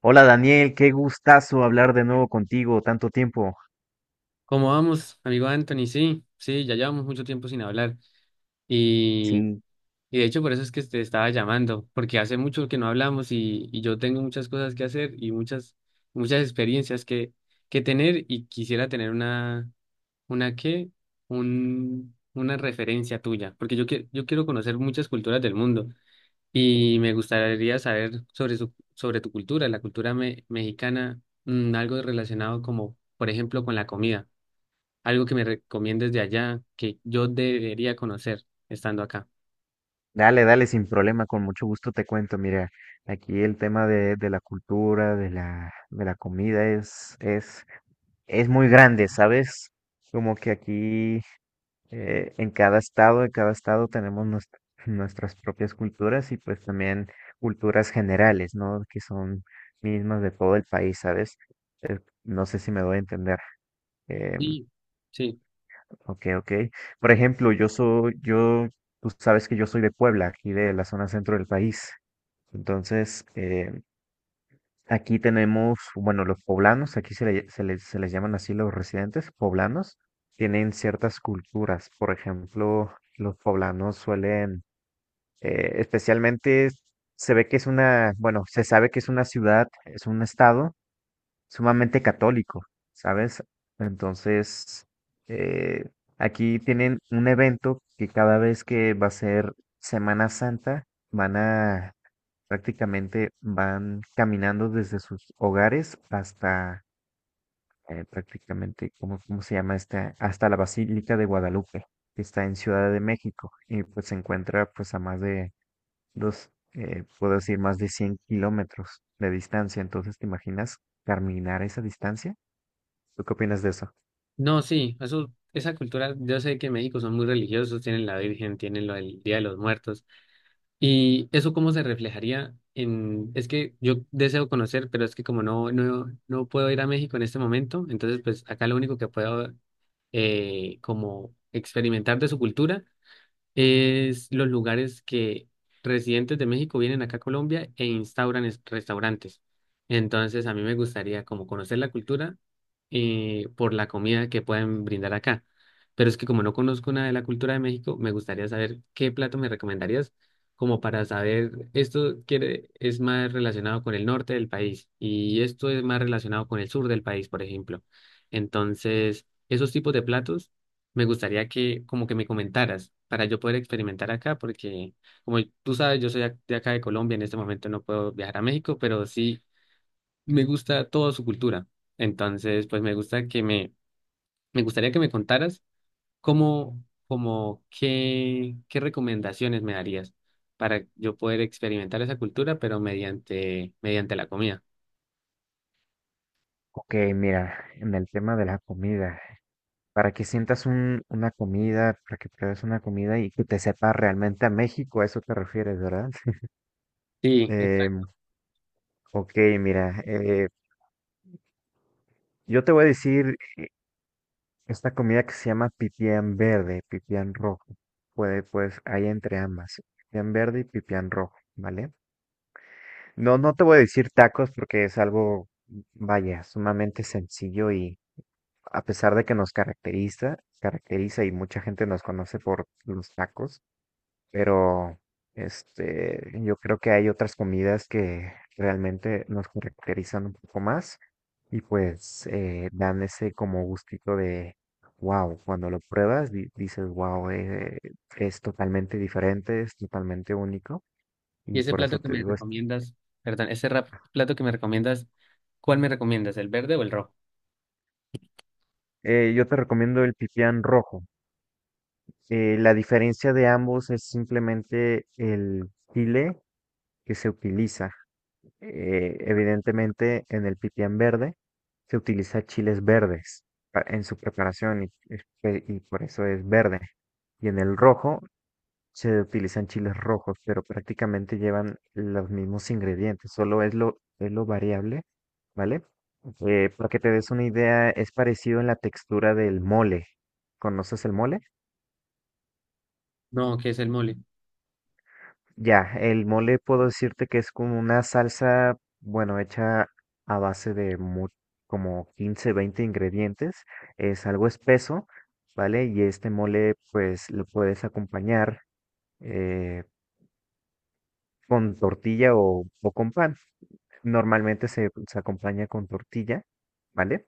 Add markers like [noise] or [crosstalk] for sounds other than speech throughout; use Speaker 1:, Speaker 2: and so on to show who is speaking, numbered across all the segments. Speaker 1: Hola Daniel, qué gustazo hablar de nuevo contigo, tanto tiempo.
Speaker 2: ¿Cómo vamos, amigo Anthony? Sí, sí, ya llevamos mucho tiempo sin hablar y,
Speaker 1: Sí,
Speaker 2: y de hecho por eso es que te estaba llamando, porque hace mucho que no hablamos y yo tengo muchas cosas que hacer y muchas, muchas experiencias que tener y quisiera tener una qué, un, una referencia tuya, porque yo, que, yo quiero conocer muchas culturas del mundo y me gustaría saber sobre, su, sobre tu cultura, la cultura mexicana, algo relacionado como, por ejemplo, con la comida, algo que me recomiendes de allá que yo debería conocer estando acá.
Speaker 1: dale, dale, sin problema, con mucho gusto te cuento. Mira, aquí el tema de la cultura, de la comida es muy grande, ¿sabes? Como que aquí en cada estado tenemos nuestras propias culturas y pues también culturas generales, ¿no? Que son mismas de todo el país, ¿sabes? Eh, no sé si me doy a entender. Em,
Speaker 2: Sí, sí.
Speaker 1: Ok, ok. Por ejemplo, yo, tú sabes que yo soy de Puebla, aquí de la zona centro del país. Entonces, aquí tenemos, bueno, los poblanos, aquí se les llaman así los residentes poblanos, tienen ciertas culturas. Por ejemplo, los poblanos suelen, especialmente se ve que es una, bueno, se sabe que es una ciudad, es un estado sumamente católico, ¿sabes? Entonces, eh, aquí tienen un evento que cada vez que va a ser Semana Santa, van a prácticamente, van caminando desde sus hogares hasta prácticamente, ¿cómo, cómo se llama esta? Hasta la Basílica de Guadalupe, que está en Ciudad de México, y pues se encuentra pues a más de puedo decir, más de 100 km de distancia. Entonces, ¿te imaginas caminar esa distancia? ¿Tú qué opinas de eso?
Speaker 2: No, sí, eso, esa cultura, yo sé que en México son muy religiosos, tienen la Virgen, tienen lo del Día de los Muertos. ¿Y eso cómo se reflejaría en...? Es que yo deseo conocer, pero es que como no puedo ir a México en este momento, entonces pues acá lo único que puedo como experimentar de su cultura es los lugares que residentes de México vienen acá a Colombia e instauran restaurantes. Entonces, a mí me gustaría como conocer la cultura por la comida que pueden brindar acá. Pero es que como no conozco nada de la cultura de México, me gustaría saber qué plato me recomendarías como para saber, esto quiere, es más relacionado con el norte del país y esto es más relacionado con el sur del país, por ejemplo. Entonces, esos tipos de platos me gustaría que como que me comentaras para yo poder experimentar acá, porque como tú sabes, yo soy de acá de Colombia, en este momento no puedo viajar a México, pero sí me gusta toda su cultura. Entonces, pues me gusta que me gustaría que me contaras cómo, como qué, qué recomendaciones me darías para yo poder experimentar esa cultura, pero mediante la comida.
Speaker 1: Ok, mira, en el tema de la comida, para que sientas una comida, para que pruebes una comida y que te sepa realmente a México, a eso te refieres, ¿verdad? [laughs]
Speaker 2: Sí,
Speaker 1: Em,
Speaker 2: exacto.
Speaker 1: ok, mira, yo te voy a decir esta comida que se llama pipián verde, pipián rojo. Puede, pues, hay entre ambas, pipián verde y pipián rojo, ¿vale? No, no te voy a decir tacos porque es algo, vaya, sumamente sencillo y a pesar de que nos caracteriza y mucha gente nos conoce por los tacos, pero este, yo creo que hay otras comidas que realmente nos caracterizan un poco más y pues dan ese como gustito de wow, cuando lo pruebas dices wow, es totalmente diferente, es totalmente único
Speaker 2: Y
Speaker 1: y
Speaker 2: ese
Speaker 1: por eso
Speaker 2: plato que
Speaker 1: te
Speaker 2: me
Speaker 1: digo esto.
Speaker 2: recomiendas, perdón, ese plato que me recomiendas, ¿cuál me recomiendas, el verde o el rojo?
Speaker 1: Yo te recomiendo el pipián rojo. La diferencia de ambos es simplemente el chile que se utiliza. Evidentemente, en el pipián verde se utiliza chiles verdes en su preparación y, y por eso es verde. Y en el rojo se utilizan chiles rojos, pero prácticamente llevan los mismos ingredientes, solo es lo variable, ¿vale? Para que te des una idea, es parecido en la textura del mole. ¿Conoces el mole?
Speaker 2: No, que es el mole.
Speaker 1: Ya, el mole puedo decirte que es como una salsa, bueno, hecha a base como 15 20 ingredientes. Es algo espeso, ¿vale? Y este mole, pues lo puedes acompañar eh, con tortilla o con pan. Normalmente se acompaña con tortilla, ¿vale?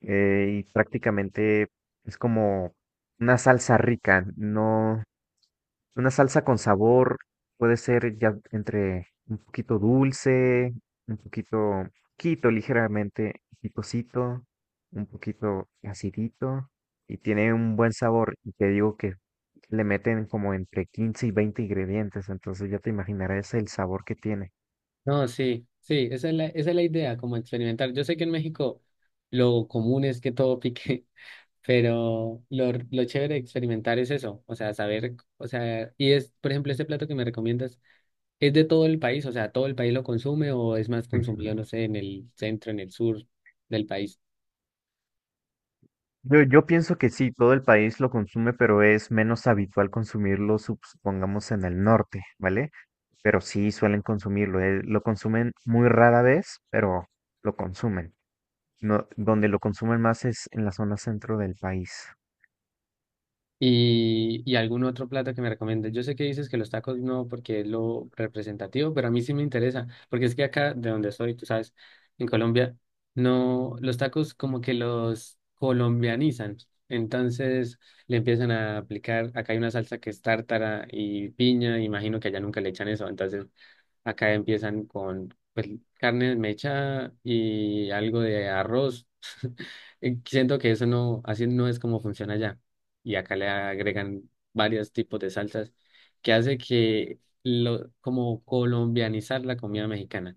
Speaker 1: Y prácticamente es como una salsa rica, no, una salsa con sabor puede ser ya entre un poquito dulce, un poquito, poquito ligeramente picosito, un poquito acidito y tiene un buen sabor. Y te digo que le meten como entre 15 y 20 ingredientes, entonces ya te imaginarás el sabor que tiene.
Speaker 2: No, sí, sí, esa es la idea, como experimentar. Yo sé que en México lo común es que todo pique, [laughs] pero lo chévere de experimentar es eso, o sea, saber, o sea, y es, por ejemplo, este plato que me recomiendas, ¿es de todo el país? O sea, ¿todo el país lo consume o es más consumido, no
Speaker 1: [laughs]
Speaker 2: sé, en el centro, en el sur del país?
Speaker 1: Yo pienso que sí, todo el país lo consume, pero es menos habitual consumirlo, supongamos, en el norte, ¿vale? Pero sí suelen consumirlo, lo consumen muy rara vez, pero lo consumen. No, donde lo consumen más es en la zona centro del país.
Speaker 2: Y algún otro plato que me recomiendes. Yo sé que dices que los tacos no, porque es lo representativo, pero a mí sí me interesa, porque es que acá de donde soy, tú sabes, en Colombia, no, los tacos como que los colombianizan. Entonces le empiezan a aplicar, acá hay una salsa que es tártara y piña, imagino que allá nunca le echan eso, entonces acá empiezan con pues, carne mecha y algo de arroz. [laughs] Y siento que eso no, así no es como funciona allá y acá le agregan varios tipos de salsas que hace que lo, como colombianizar la comida mexicana.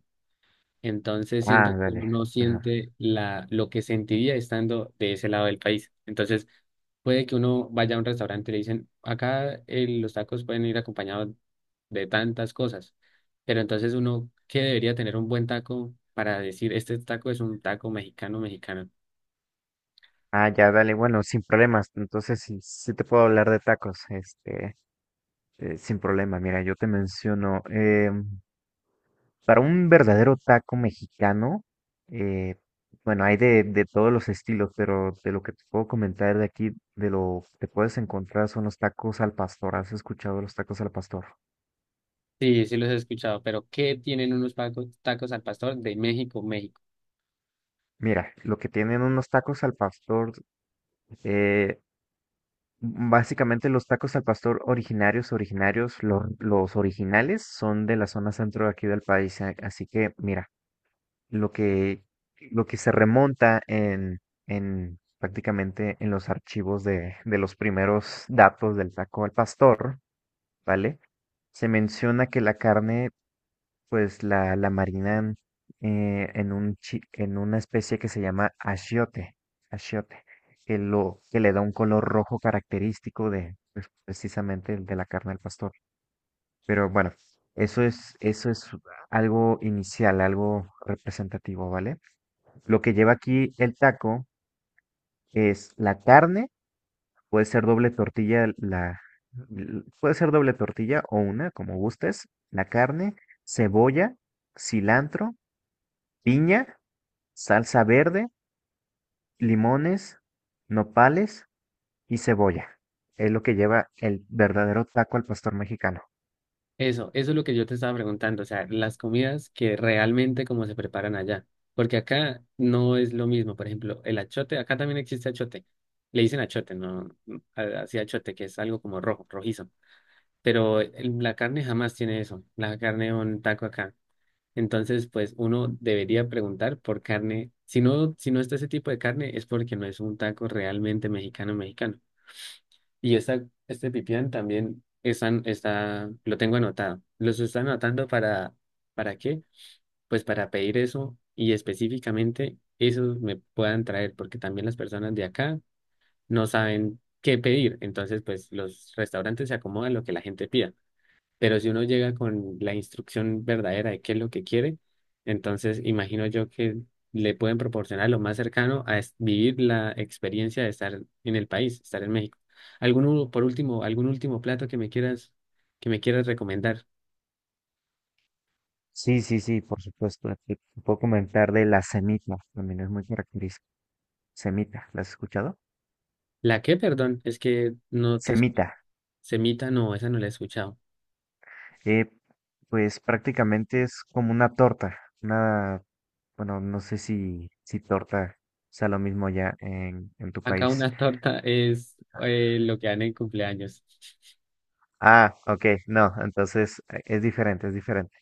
Speaker 2: Entonces siento
Speaker 1: Ah,
Speaker 2: que uno
Speaker 1: dale.
Speaker 2: no
Speaker 1: Ajá.
Speaker 2: siente la, lo que sentiría estando de ese lado del país. Entonces puede que uno vaya a un restaurante y le dicen, acá los tacos pueden ir acompañados de tantas cosas, pero entonces uno que debería tener un buen taco para decir, este taco es un taco mexicano, mexicano.
Speaker 1: Ah, ya, dale. Bueno, sin problemas. Entonces sí, sí te puedo hablar de tacos, este, sin problema. Mira, yo te menciono. Para un verdadero taco mexicano, eh, bueno, hay de todos los estilos, pero de lo que te puedo comentar de aquí, de lo que puedes encontrar son los tacos al pastor. ¿Has escuchado de los tacos al pastor?
Speaker 2: Sí, sí los he escuchado, pero ¿qué tienen unos tacos al pastor de México, México?
Speaker 1: Mira, lo que tienen unos tacos al pastor, eh, básicamente los tacos al pastor originarios, los originales son de la zona centro de aquí del país. Así que, mira. lo que, lo que se remonta en prácticamente en los archivos de los primeros datos del taco al pastor, ¿vale? Se menciona que la carne, pues la marinan en una especie que se llama achiote, achiote, que le da un color rojo característico de pues, precisamente el de la carne del pastor. Pero bueno, eso es algo inicial, algo representativo, ¿vale? Lo que lleva aquí el taco es la carne, puede ser doble tortilla, puede ser doble tortilla o una, como gustes, la carne, cebolla, cilantro, piña, salsa verde, limones, nopales y cebolla. Es lo que lleva el verdadero taco al pastor mexicano.
Speaker 2: Eso es lo que yo te estaba preguntando, o sea, las comidas que realmente como se preparan allá, porque acá no es lo mismo, por ejemplo, el achote, acá también existe achote, le dicen achote, no, así achote, que es algo como rojo, rojizo, pero la carne jamás tiene eso, la carne de un taco acá, entonces pues uno debería preguntar por carne, si no, si no está ese tipo de carne es porque no es un taco realmente mexicano, mexicano. Y esta, este pipián también están, está, lo tengo anotado. Los están anotando ¿para qué? Pues para pedir eso y específicamente eso me puedan traer, porque también las personas de acá no saben qué pedir. Entonces, pues los restaurantes se acomodan lo que la gente pida. Pero si uno llega con la instrucción verdadera de qué es lo que quiere, entonces imagino yo que le pueden proporcionar lo más cercano a vivir la experiencia de estar en el país, estar en México. ¿Algún, por último, algún último plato que me quieras recomendar?
Speaker 1: Sí, sí, sí, por supuesto. Te puedo comentar de la semita, también es muy característica. Semita, ¿la has escuchado?
Speaker 2: ¿La qué, perdón? Es que no te escucho.
Speaker 1: Semita.
Speaker 2: Semita, no, esa no la he escuchado.
Speaker 1: Que pues prácticamente es como una torta, una, bueno, no sé si torta sea lo mismo ya en tu
Speaker 2: Acá una
Speaker 1: país.
Speaker 2: [laughs] torta es lo que dan en cumpleaños.
Speaker 1: Ah, ok, no, entonces es diferente, es diferente.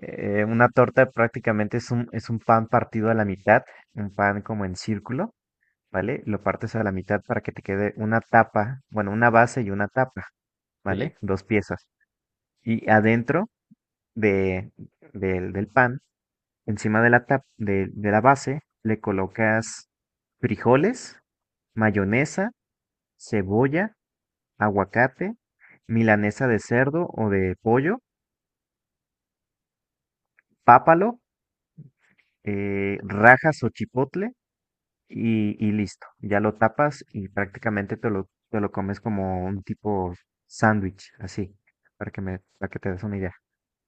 Speaker 1: Una torta prácticamente es es un pan partido a la mitad, un pan como en círculo, ¿vale? Lo partes a la mitad para que te quede una tapa, bueno, una base y una tapa,
Speaker 2: Sí.
Speaker 1: ¿vale? Dos piezas. Y adentro de, del pan. Encima de de la base le colocas frijoles, mayonesa, cebolla, aguacate, milanesa de cerdo o de pollo, pápalo, rajas o chipotle y listo. Ya lo tapas y prácticamente te lo comes como un tipo sándwich, así, para que te des una idea.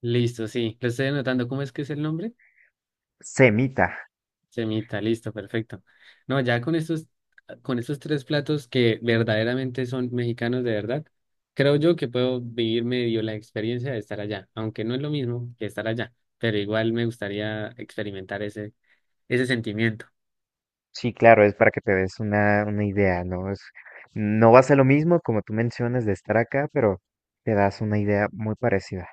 Speaker 2: Listo, sí. Lo estoy anotando. ¿Cómo es que es el nombre?
Speaker 1: Semita.
Speaker 2: Semita, listo, perfecto. No, ya con estos tres platos que verdaderamente son mexicanos de verdad, creo yo que puedo vivir medio la experiencia de estar allá, aunque no es lo mismo que estar allá, pero igual me gustaría experimentar ese, ese sentimiento.
Speaker 1: Sí, claro, es para que te des una idea, ¿no? Es, no va a ser lo mismo como tú mencionas de estar acá, pero te das una idea muy parecida.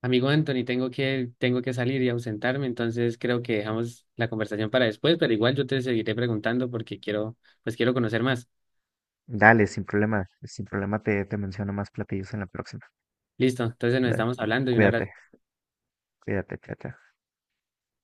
Speaker 2: Amigo Anthony, tengo que salir y ausentarme, entonces creo que dejamos la conversación para después, pero igual yo te seguiré preguntando porque quiero, pues quiero conocer más.
Speaker 1: Dale, sin problema, sin problema te menciono más platillos en la próxima.
Speaker 2: Listo, entonces nos
Speaker 1: Dale,
Speaker 2: estamos hablando y un abrazo.
Speaker 1: cuídate, cuídate, chao, chao.